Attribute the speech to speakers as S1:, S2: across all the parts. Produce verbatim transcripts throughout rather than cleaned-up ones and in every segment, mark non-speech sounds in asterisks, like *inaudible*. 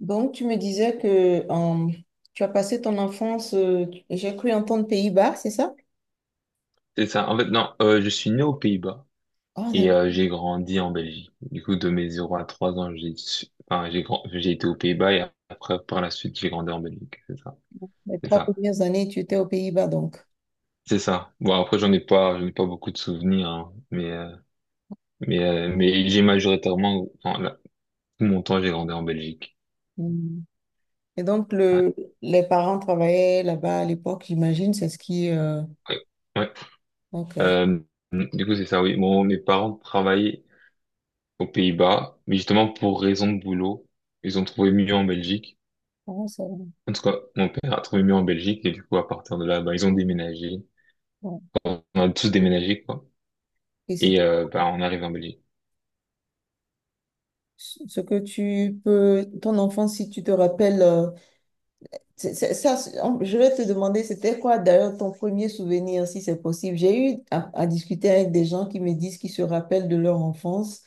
S1: Donc, tu me disais que euh, tu as passé ton enfance, euh, tu- j'ai cru entendre Pays-Bas, c'est ça?
S2: C'est ça. En fait, non, euh, je suis né aux Pays-Bas
S1: Ah,
S2: et euh,
S1: d'accord.
S2: j'ai grandi en Belgique. Du coup, de mes zéro à trois ans, j'ai su- enfin, j'ai grand... j'ai été aux Pays-Bas et après, par la suite, j'ai grandi en Belgique. C'est ça.
S1: Les
S2: C'est
S1: trois
S2: ça.
S1: premières années, tu étais aux Pays-Bas, donc.
S2: C'est ça. Bon, après, j'en ai pas, j'en ai pas beaucoup de souvenirs, hein, mais, euh, mais, euh, mais j'ai majoritairement, enfin, là, tout mon temps, j'ai grandi en Belgique.
S1: Hmm. Et donc,
S2: Ouais.
S1: le, les parents travaillaient là-bas à l'époque, j'imagine, c'est ce qui... euh,
S2: Ouais. Ouais.
S1: ok.
S2: Euh, du coup, c'est ça, oui. Bon, mes parents travaillaient aux Pays-Bas, mais justement, pour raison de boulot, ils ont trouvé mieux en Belgique.
S1: Ah, ça va.
S2: En tout cas, mon père a trouvé mieux en Belgique et du coup, à partir de là, bah, ils ont déménagé.
S1: Ouais.
S2: On a tous déménagé, quoi.
S1: Et c'est
S2: Et euh, bah, on arrive en Belgique.
S1: ce que tu peux... Ton enfance, si tu te rappelles, euh, C'est- c'est- Ça, c'est- on- je vais te demander, c'était quoi d'ailleurs ton premier souvenir, si c'est possible. J'ai eu à, à discuter avec des gens qui me disent qu'ils se rappellent de leur enfance,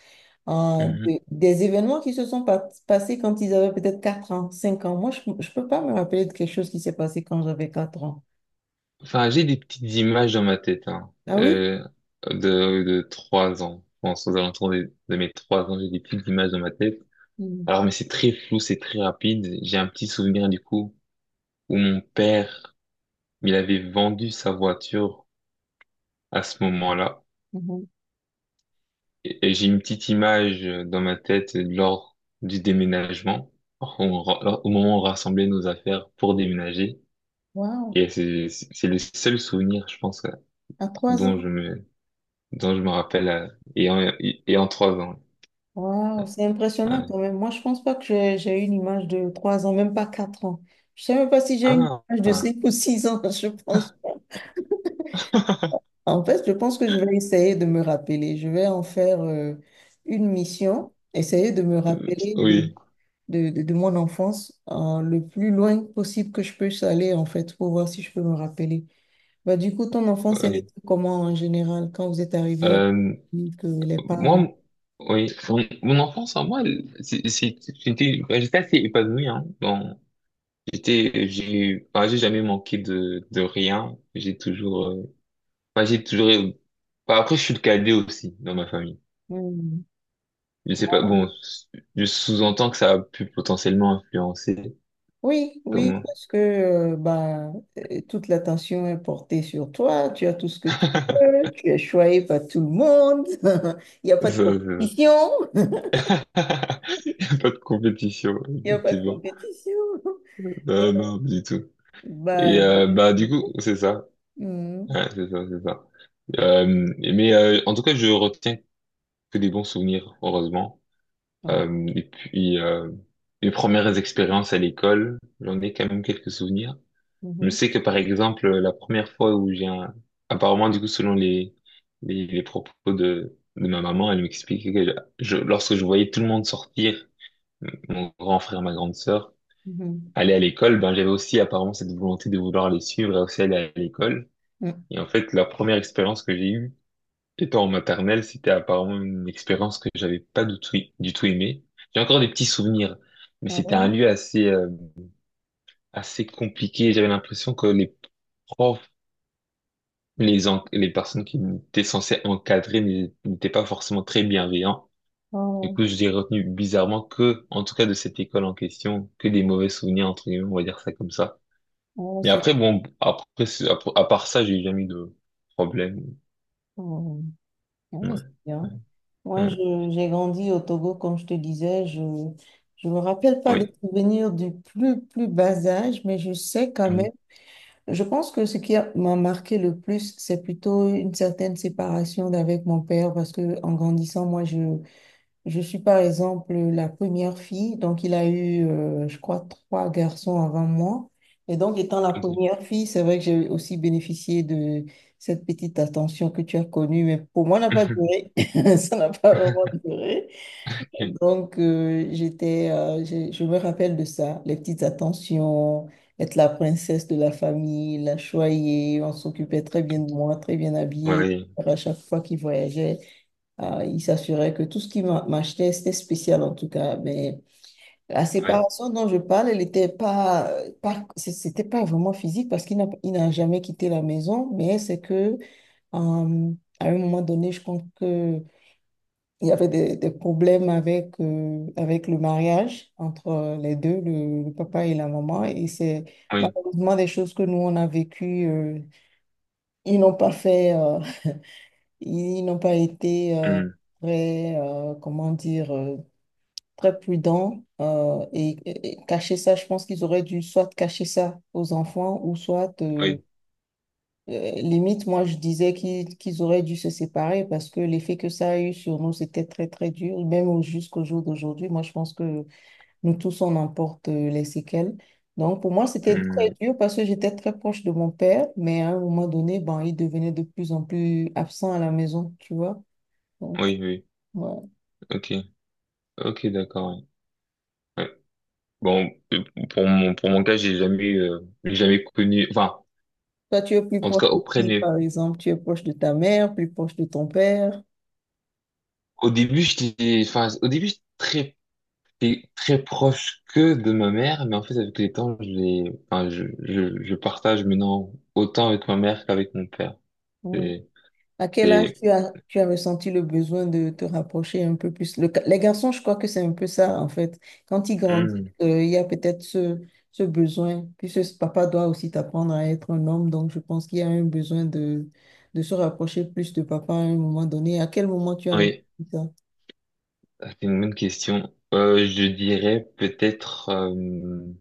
S1: euh,
S2: Mhm.
S1: de- des événements qui se sont pas- passés quand ils avaient peut-être quatre ans, cinq ans. Moi, je ne peux pas me rappeler de quelque chose qui s'est passé quand j'avais quatre ans.
S2: Enfin, j'ai des petites images dans ma tête, hein,
S1: Ah oui?
S2: euh, de, de trois ans. Je pense aux alentours de, de mes trois ans, j'ai des petites images dans ma tête.
S1: Mhm.
S2: Alors, mais c'est très flou, c'est très rapide. J'ai un petit souvenir du coup où mon père, il avait vendu sa voiture à ce moment-là.
S1: Mhm.
S2: Et, et j'ai une petite image euh, dans ma tête euh, lors du déménagement, on ra- au moment où on rassemblait nos affaires pour déménager.
S1: Waouh!
S2: Et c'est c'est c'est le seul souvenir, je pense, euh,
S1: À trois ans?
S2: dont je me, dont je me rappelle, euh, et en, et et en trois ans.
S1: Waouh! C'est impressionnant
S2: Ouais.
S1: quand même. Moi, je pense pas que j'ai j'ai une image de trois ans, même pas quatre ans. Je sais même pas si j'ai une
S2: Ah,
S1: image de
S2: ah,
S1: cinq ou six ans, *laughs* je pense. En fait, je pense que je vais essayer de me rappeler. Je vais en faire euh, une mission, essayer de me rappeler de,
S2: oui,
S1: de, de, de mon enfance euh, le plus loin possible que je peux aller, en fait, pour voir si je peux me rappeler. Bah, du coup, ton enfance, elle
S2: oui.
S1: était comment en général quand vous êtes arrivé
S2: Euh,
S1: que les
S2: moi, m-
S1: parents?
S2: oui, mon, mon enfance, en moi, elle- c'est- c'est- j'étais, ouais, j'étais assez épanoui, hein. Bon, j'étais, j'ai, enfin, j'ai jamais manqué de, de rien. J'ai toujours euh, Enfin, j'ai toujours... Enfin, après, je suis le cadet aussi dans ma famille.
S1: Hmm.
S2: Je sais pas, bon, je sous-entends que ça a pu potentiellement influencer
S1: Oui, oui,
S2: comment...
S1: parce que euh, bah, euh, toute l'attention est portée sur toi, tu as tout ce que tu
S2: *laughs*
S1: veux, tu es choyé par tout le monde, *laughs* il n'y a
S2: Ça,
S1: pas de
S2: ça.
S1: compétition, *laughs* il
S2: *laughs* Y a pas de compétition,
S1: n'y a pas de
S2: effectivement.
S1: compétition.
S2: Non,
S1: *laughs*
S2: non, du tout.
S1: Bah,
S2: Et euh,
S1: je-
S2: bah du coup, c'est ça.
S1: Mhm.
S2: Ouais, c'est ça, c'est ça. Euh, mais euh, en tout cas, je retiens que des bons souvenirs, heureusement.
S1: Ouais.
S2: Euh, et puis, euh, mes premières expériences à l'école, j'en ai quand même quelques souvenirs. Je
S1: Mhm.
S2: sais que par exemple, la première fois où j'ai un... apparemment du coup selon les les, les propos de de ma maman, elle m'expliquait que je... lorsque je voyais tout le monde sortir, mon grand frère, ma grande sœur,
S1: Mhm.
S2: aller à l'école, ben j'avais aussi apparemment cette volonté de vouloir les suivre et aussi aller à l'école.
S1: Mhm.
S2: Et en fait, la première expérience que j'ai eue étant en maternelle, c'était apparemment une expérience que j'avais pas du tout du tout aimée. J'ai encore des petits souvenirs, mais
S1: Ah
S2: c'était un
S1: ouais?
S2: lieu assez euh, assez compliqué. J'avais l'impression que les profs les, en- les personnes qui étaient censées encadrer n'é- n'étaient pas forcément très bienveillants. Du
S1: Oh,
S2: coup, j'ai retenu bizarrement que, en tout cas de cette école en question, que des mauvais souvenirs, entre guillemets, on va dire ça comme ça.
S1: oh,
S2: Mais
S1: c'est
S2: après, bon, après, c'est- après- à part ça, j'ai jamais eu de problème.
S1: oh, ah ouais, c'est
S2: Ouais,
S1: bien. Moi,
S2: ouais,
S1: je- j'ai grandi au Togo, comme je te disais. Je ne me rappelle pas
S2: ouais.
S1: des
S2: Oui.
S1: souvenirs du plus, plus bas âge, mais je sais quand
S2: Mhm,
S1: même. Je pense que ce qui a- m'a marqué le plus, c'est plutôt une certaine séparation d'avec mon père parce que en grandissant, moi, je, je suis par exemple la première fille, donc il a eu, euh, je crois, trois garçons avant moi. Et donc, étant la
S2: ok.
S1: première fille, c'est vrai que j'ai aussi bénéficié de cette petite attention que tu as connue, mais pour moi, ça n'a pas
S2: *laughs*
S1: duré. *laughs* Ça n'a pas vraiment duré.
S2: Ok.
S1: Donc, euh, j'étais, euh, j'ai- je me rappelle de ça, les petites attentions, être la princesse de la famille, la choyée, on s'occupait très bien de moi, très bien habillée.
S2: Oui,
S1: À chaque fois qu'il voyageait, euh, il s'assurait que tout ce qu'il m'a- m'achetait, c'était spécial en tout cas. Mais la
S2: oui,
S1: séparation dont je parle, elle n'était pas, euh, pas, c'est- c'était pas vraiment physique parce qu'il n'a, il n'a jamais quitté la maison, mais c'est que, euh, à un moment donné, je pense que il y avait des, des problèmes avec, euh, avec le mariage entre euh, les deux, le, le papa et la maman. Et c'est
S2: oui,
S1: malheureusement des choses que nous, on a vécues. Euh, ils n'ont pas fait, euh, *laughs* ils n'ont pas été euh,
S2: hmm,
S1: très, euh, comment dire, euh, très prudents. euh, et, et- et cacher ça, je pense qu'ils auraient dû soit cacher ça aux enfants ou soit... euh,
S2: oui,
S1: euh, limite, moi, je disais qu'ils qu'ils auraient dû se séparer parce que l'effet que ça a eu sur nous, c'était très, très dur. Même au- jusqu'au jour d'aujourd'hui, moi, je pense que nous tous, on en porte euh, les séquelles. Donc, pour moi, c'était très
S2: hmm,
S1: dur parce que j'étais très proche de mon père, mais à un moment donné, ben, il devenait de plus en plus absent à la maison, tu vois. Donc,
S2: oui, oui,
S1: voilà.
S2: ok, ok, d'accord. Ouais. Ouais. Bon, euh, pour mon, pour mon cas, j'ai jamais, euh, j'ai jamais connu, enfin,
S1: Toi, tu es plus
S2: en tout cas,
S1: proche de
S2: auprès
S1: qui,
S2: des...
S1: par exemple? Tu es proche de ta mère, plus proche de ton père?
S2: Au début, j'étais, enfin, au début, j'étais très, très proche que de ma mère, mais en fait, avec les temps, je l'ai- enfin, je, je, je partage maintenant autant avec ma mère qu'avec mon père. C'est,
S1: À quel âge
S2: c'est-
S1: tu as, tu as ressenti le besoin de te rapprocher un peu plus? Le- les garçons, je crois que c'est un peu ça, en fait. Quand ils grandissent,
S2: Hmm.
S1: euh, il y a peut-être ce, ce besoin. Puis ce, ce papa doit aussi t'apprendre à être un homme, donc je pense qu'il y a un besoin de, de se rapprocher plus de papa à un moment donné. À quel moment tu as ressenti
S2: Oui,
S1: ça?
S2: ça, c'est une bonne question. Euh, je dirais peut-être, euh,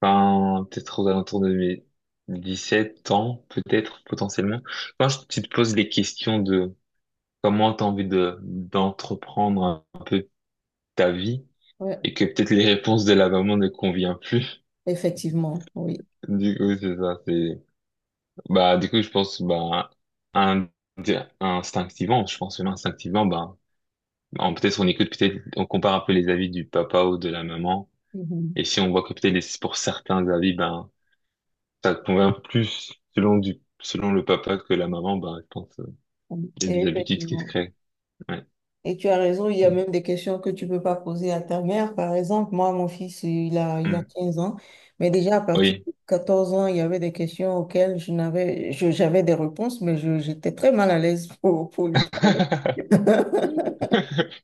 S2: enfin, peut-être aux alentours de mes dix sept ans, peut-être, potentiellement. Quand je- tu te poses les questions de comment t'as envie de, d'entreprendre un peu ta vie,
S1: Ouais,
S2: et que peut-être les réponses de la maman ne conviennent plus. *laughs*
S1: effectivement, oui.
S2: Du coup, c'est ça, c'est, bah, du coup, je pense, bah, un, instinctivement, je pense, même instinctivement, bah, on- peut-être on écoute, peut-être, on compare un peu les avis du papa ou de la maman.
S1: Mhm.
S2: Et si on voit que peut-être les- pour certains avis, ben, ça convient plus selon du, selon le papa que la maman, bah, je pense, euh, il y a
S1: Et
S2: des habitudes qui se
S1: effectivement.
S2: créent. Ouais.
S1: Et tu as raison, il y a
S2: Mm.
S1: même des questions que tu peux pas poser à ta mère. Par exemple, moi, mon fils, il a, il a
S2: Mm.
S1: quinze ans, mais déjà à partir
S2: Oui.
S1: de quatorze ans, il y avait des questions auxquelles je n'avais, je- j'avais des réponses, mais je, j'étais très mal à l'aise *laughs* pour, pour lui parler.
S2: *laughs*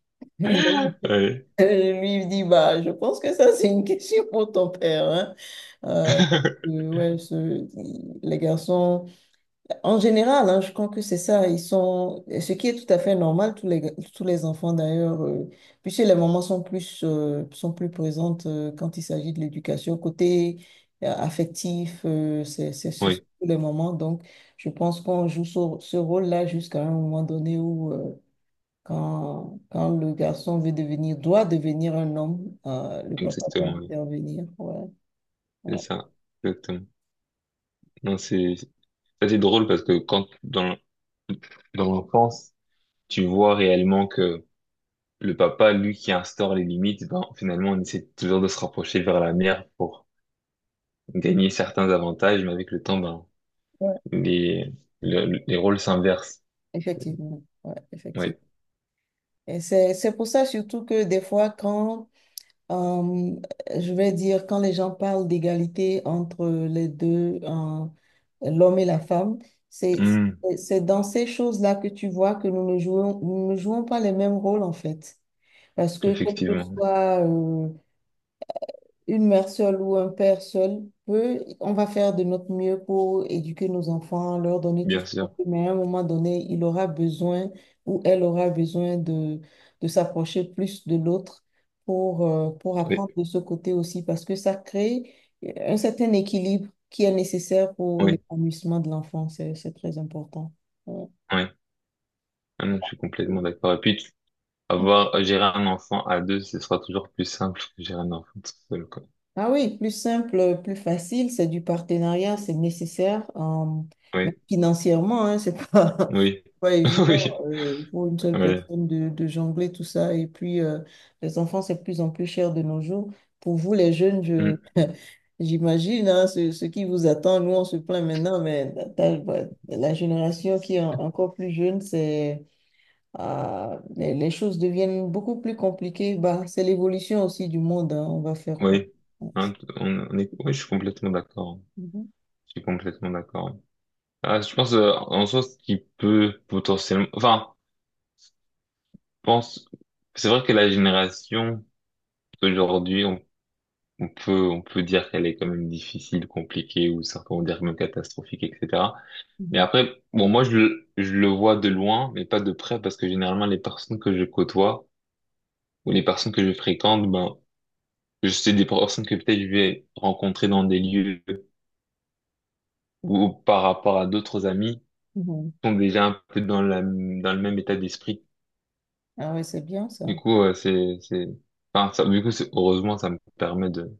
S1: *laughs* Et donc, euh,
S2: Ouais.
S1: je lui dis, bah, je pense que ça, c'est une question pour ton père, hein. Euh, donc,
S2: *laughs*
S1: euh, ouais, ce- les garçons. En général, hein, je crois que c'est ça. Ils sont, ce qui est tout à fait normal, tous les, tous les enfants d'ailleurs, euh, puisque les mamans sont plus, euh, sont plus présentes euh, quand il s'agit de l'éducation. Côté euh, affectif, euh, c'est c'est- c'est
S2: Oui,
S1: surtout les mamans. Donc, je pense qu'on joue ce, ce rôle-là jusqu'à un moment donné où, euh, quand, quand le garçon veut devenir, doit devenir un homme, euh, le papa doit
S2: exactement, oui.
S1: intervenir. Ouais,
S2: C'est
S1: ouais,
S2: ça. Exactement. Non, c'est, ça c'est drôle parce que quand, dans, dans l'enfance, tu vois réellement que le papa, lui, qui instaure les limites, ben, finalement, on essaie toujours de se rapprocher vers la mère pour gagner certains avantages, mais avec le temps, ben,
S1: ouais,
S2: les, le- les rôles s'inversent.
S1: effectivement. Ouais, effectivement.
S2: Oui.
S1: Et c'est, c'est pour ça surtout que des fois, quand, euh, je vais dire, quand les gens parlent d'égalité entre les deux, euh, l'homme et la femme, c'est,
S2: Hmm,
S1: c'est c'est dans ces choses-là que tu vois que nous ne jouons, nous ne jouons pas les mêmes rôles en fait. Parce que quel que
S2: effectivement.
S1: soit, euh, une mère seule ou un père seul peut, on va faire de notre mieux pour éduquer nos enfants, leur donner tout
S2: Bien
S1: ce qu'on
S2: sûr.
S1: peut, mais à un moment donné, il aura besoin ou elle aura besoin de, de s'approcher plus de l'autre pour, euh, pour apprendre
S2: Oui.
S1: de ce côté aussi, parce que ça crée euh, un certain équilibre qui est nécessaire pour
S2: Oui.
S1: l'épanouissement de l'enfant. C'est, c'est très important. Ouais.
S2: Oui. Ah non, je suis complètement d'accord. Et puis, avoir, gérer un enfant à deux, ce sera toujours plus simple que gérer un enfant tout seul, quoi.
S1: Ah oui, plus simple, plus facile, c'est du partenariat, c'est nécessaire. Euh, mais
S2: Oui.
S1: financièrement, hein, c'est pas,
S2: Oui.
S1: *laughs* pas
S2: *laughs*
S1: évident
S2: Oui.
S1: euh, pour une seule
S2: Oui.
S1: personne de, de jongler tout ça. Et puis, euh, les enfants, c'est de plus en plus cher de nos jours. Pour vous, les jeunes, je, j'imagine hein, ce, ce qui vous attend. Nous, on se plaint maintenant, mais t'as- bah, la génération qui est en- encore plus jeune, c'est, ah, les, les choses deviennent beaucoup plus compliquées. Bah, c'est l'évolution aussi du monde. Hein, on va faire quoi?
S2: Oui, hein, t- on, on est, oui, je suis complètement d'accord.
S1: Mhm.
S2: Je suis complètement d'accord. Ah, je pense euh, en soi ce qui peut potentiellement, enfin, je pense, c'est vrai que la génération d'aujourd'hui, on, on peut, on peut dire qu'elle est quand même difficile, compliquée, ou certains vont dire même catastrophique, et cetera. Mais
S1: Mhm,
S2: après, bon, moi je, le- je le vois de loin, mais pas de près, parce que généralement les personnes que je côtoie ou les personnes que je fréquente, ben, je sais des personnes que peut-être je vais rencontrer dans des lieux ou par rapport à d'autres amis
S1: mhm.
S2: sont déjà un peu dans la, dans le même état d'esprit.
S1: Ah oui, c'est bien
S2: Du
S1: ça.
S2: coup, euh, c'est, c'est, enfin, ça, du coup, c'est- heureusement, ça me permet de,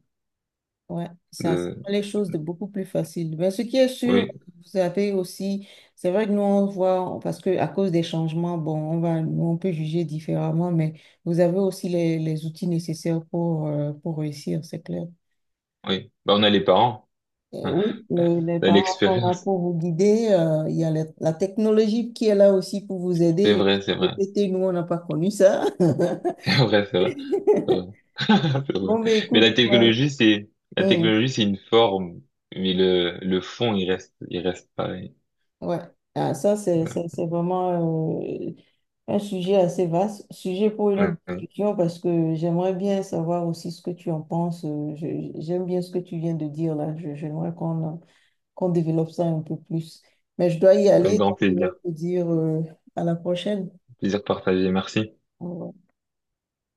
S1: Ouais, ça, ça
S2: de,
S1: rend les choses de beaucoup plus faciles. Mais ce qui est sûr,
S2: Oui,
S1: vous avez aussi, c'est vrai que nous, on voit, parce que à cause des changements, bon, on va, nous, on peut juger différemment, mais vous avez aussi les, les outils nécessaires pour, euh, pour réussir, c'est clair.
S2: oui. Bah, on a les parents, *laughs*
S1: Et
S2: hein,
S1: oui, le- les
S2: on a
S1: parents sont là
S2: l'expérience.
S1: pour vous guider. Euh, il y a la la technologie qui est là aussi pour vous aider.
S2: C'est
S1: Les
S2: vrai, c'est vrai,
S1: G P T, nous, on n'a pas connu ça. *laughs*
S2: *laughs* c'est vrai, c'est vrai, c'est vrai. *laughs* C'est vrai.
S1: Bon, mais
S2: Mais la
S1: écoute, moi,
S2: technologie, c'est, la technologie, c'est une forme, mais le, le fond, il reste, il reste pareil.
S1: ouais, ah, ça c'est
S2: Ouais.
S1: c'est- c'est vraiment euh, un sujet assez vaste, sujet pour une autre
S2: Ouais.
S1: discussion parce que j'aimerais bien savoir aussi ce que tu en penses. Euh, je- J'aime bien ce que tu viens de dire là. Je- J'aimerais qu'on euh, qu'on développe ça un peu plus. Mais je dois y
S2: Un
S1: aller,
S2: grand
S1: donc je vais
S2: plaisir,
S1: te dire euh, à la prochaine.
S2: plaisir partagé. Merci.
S1: Au revoir.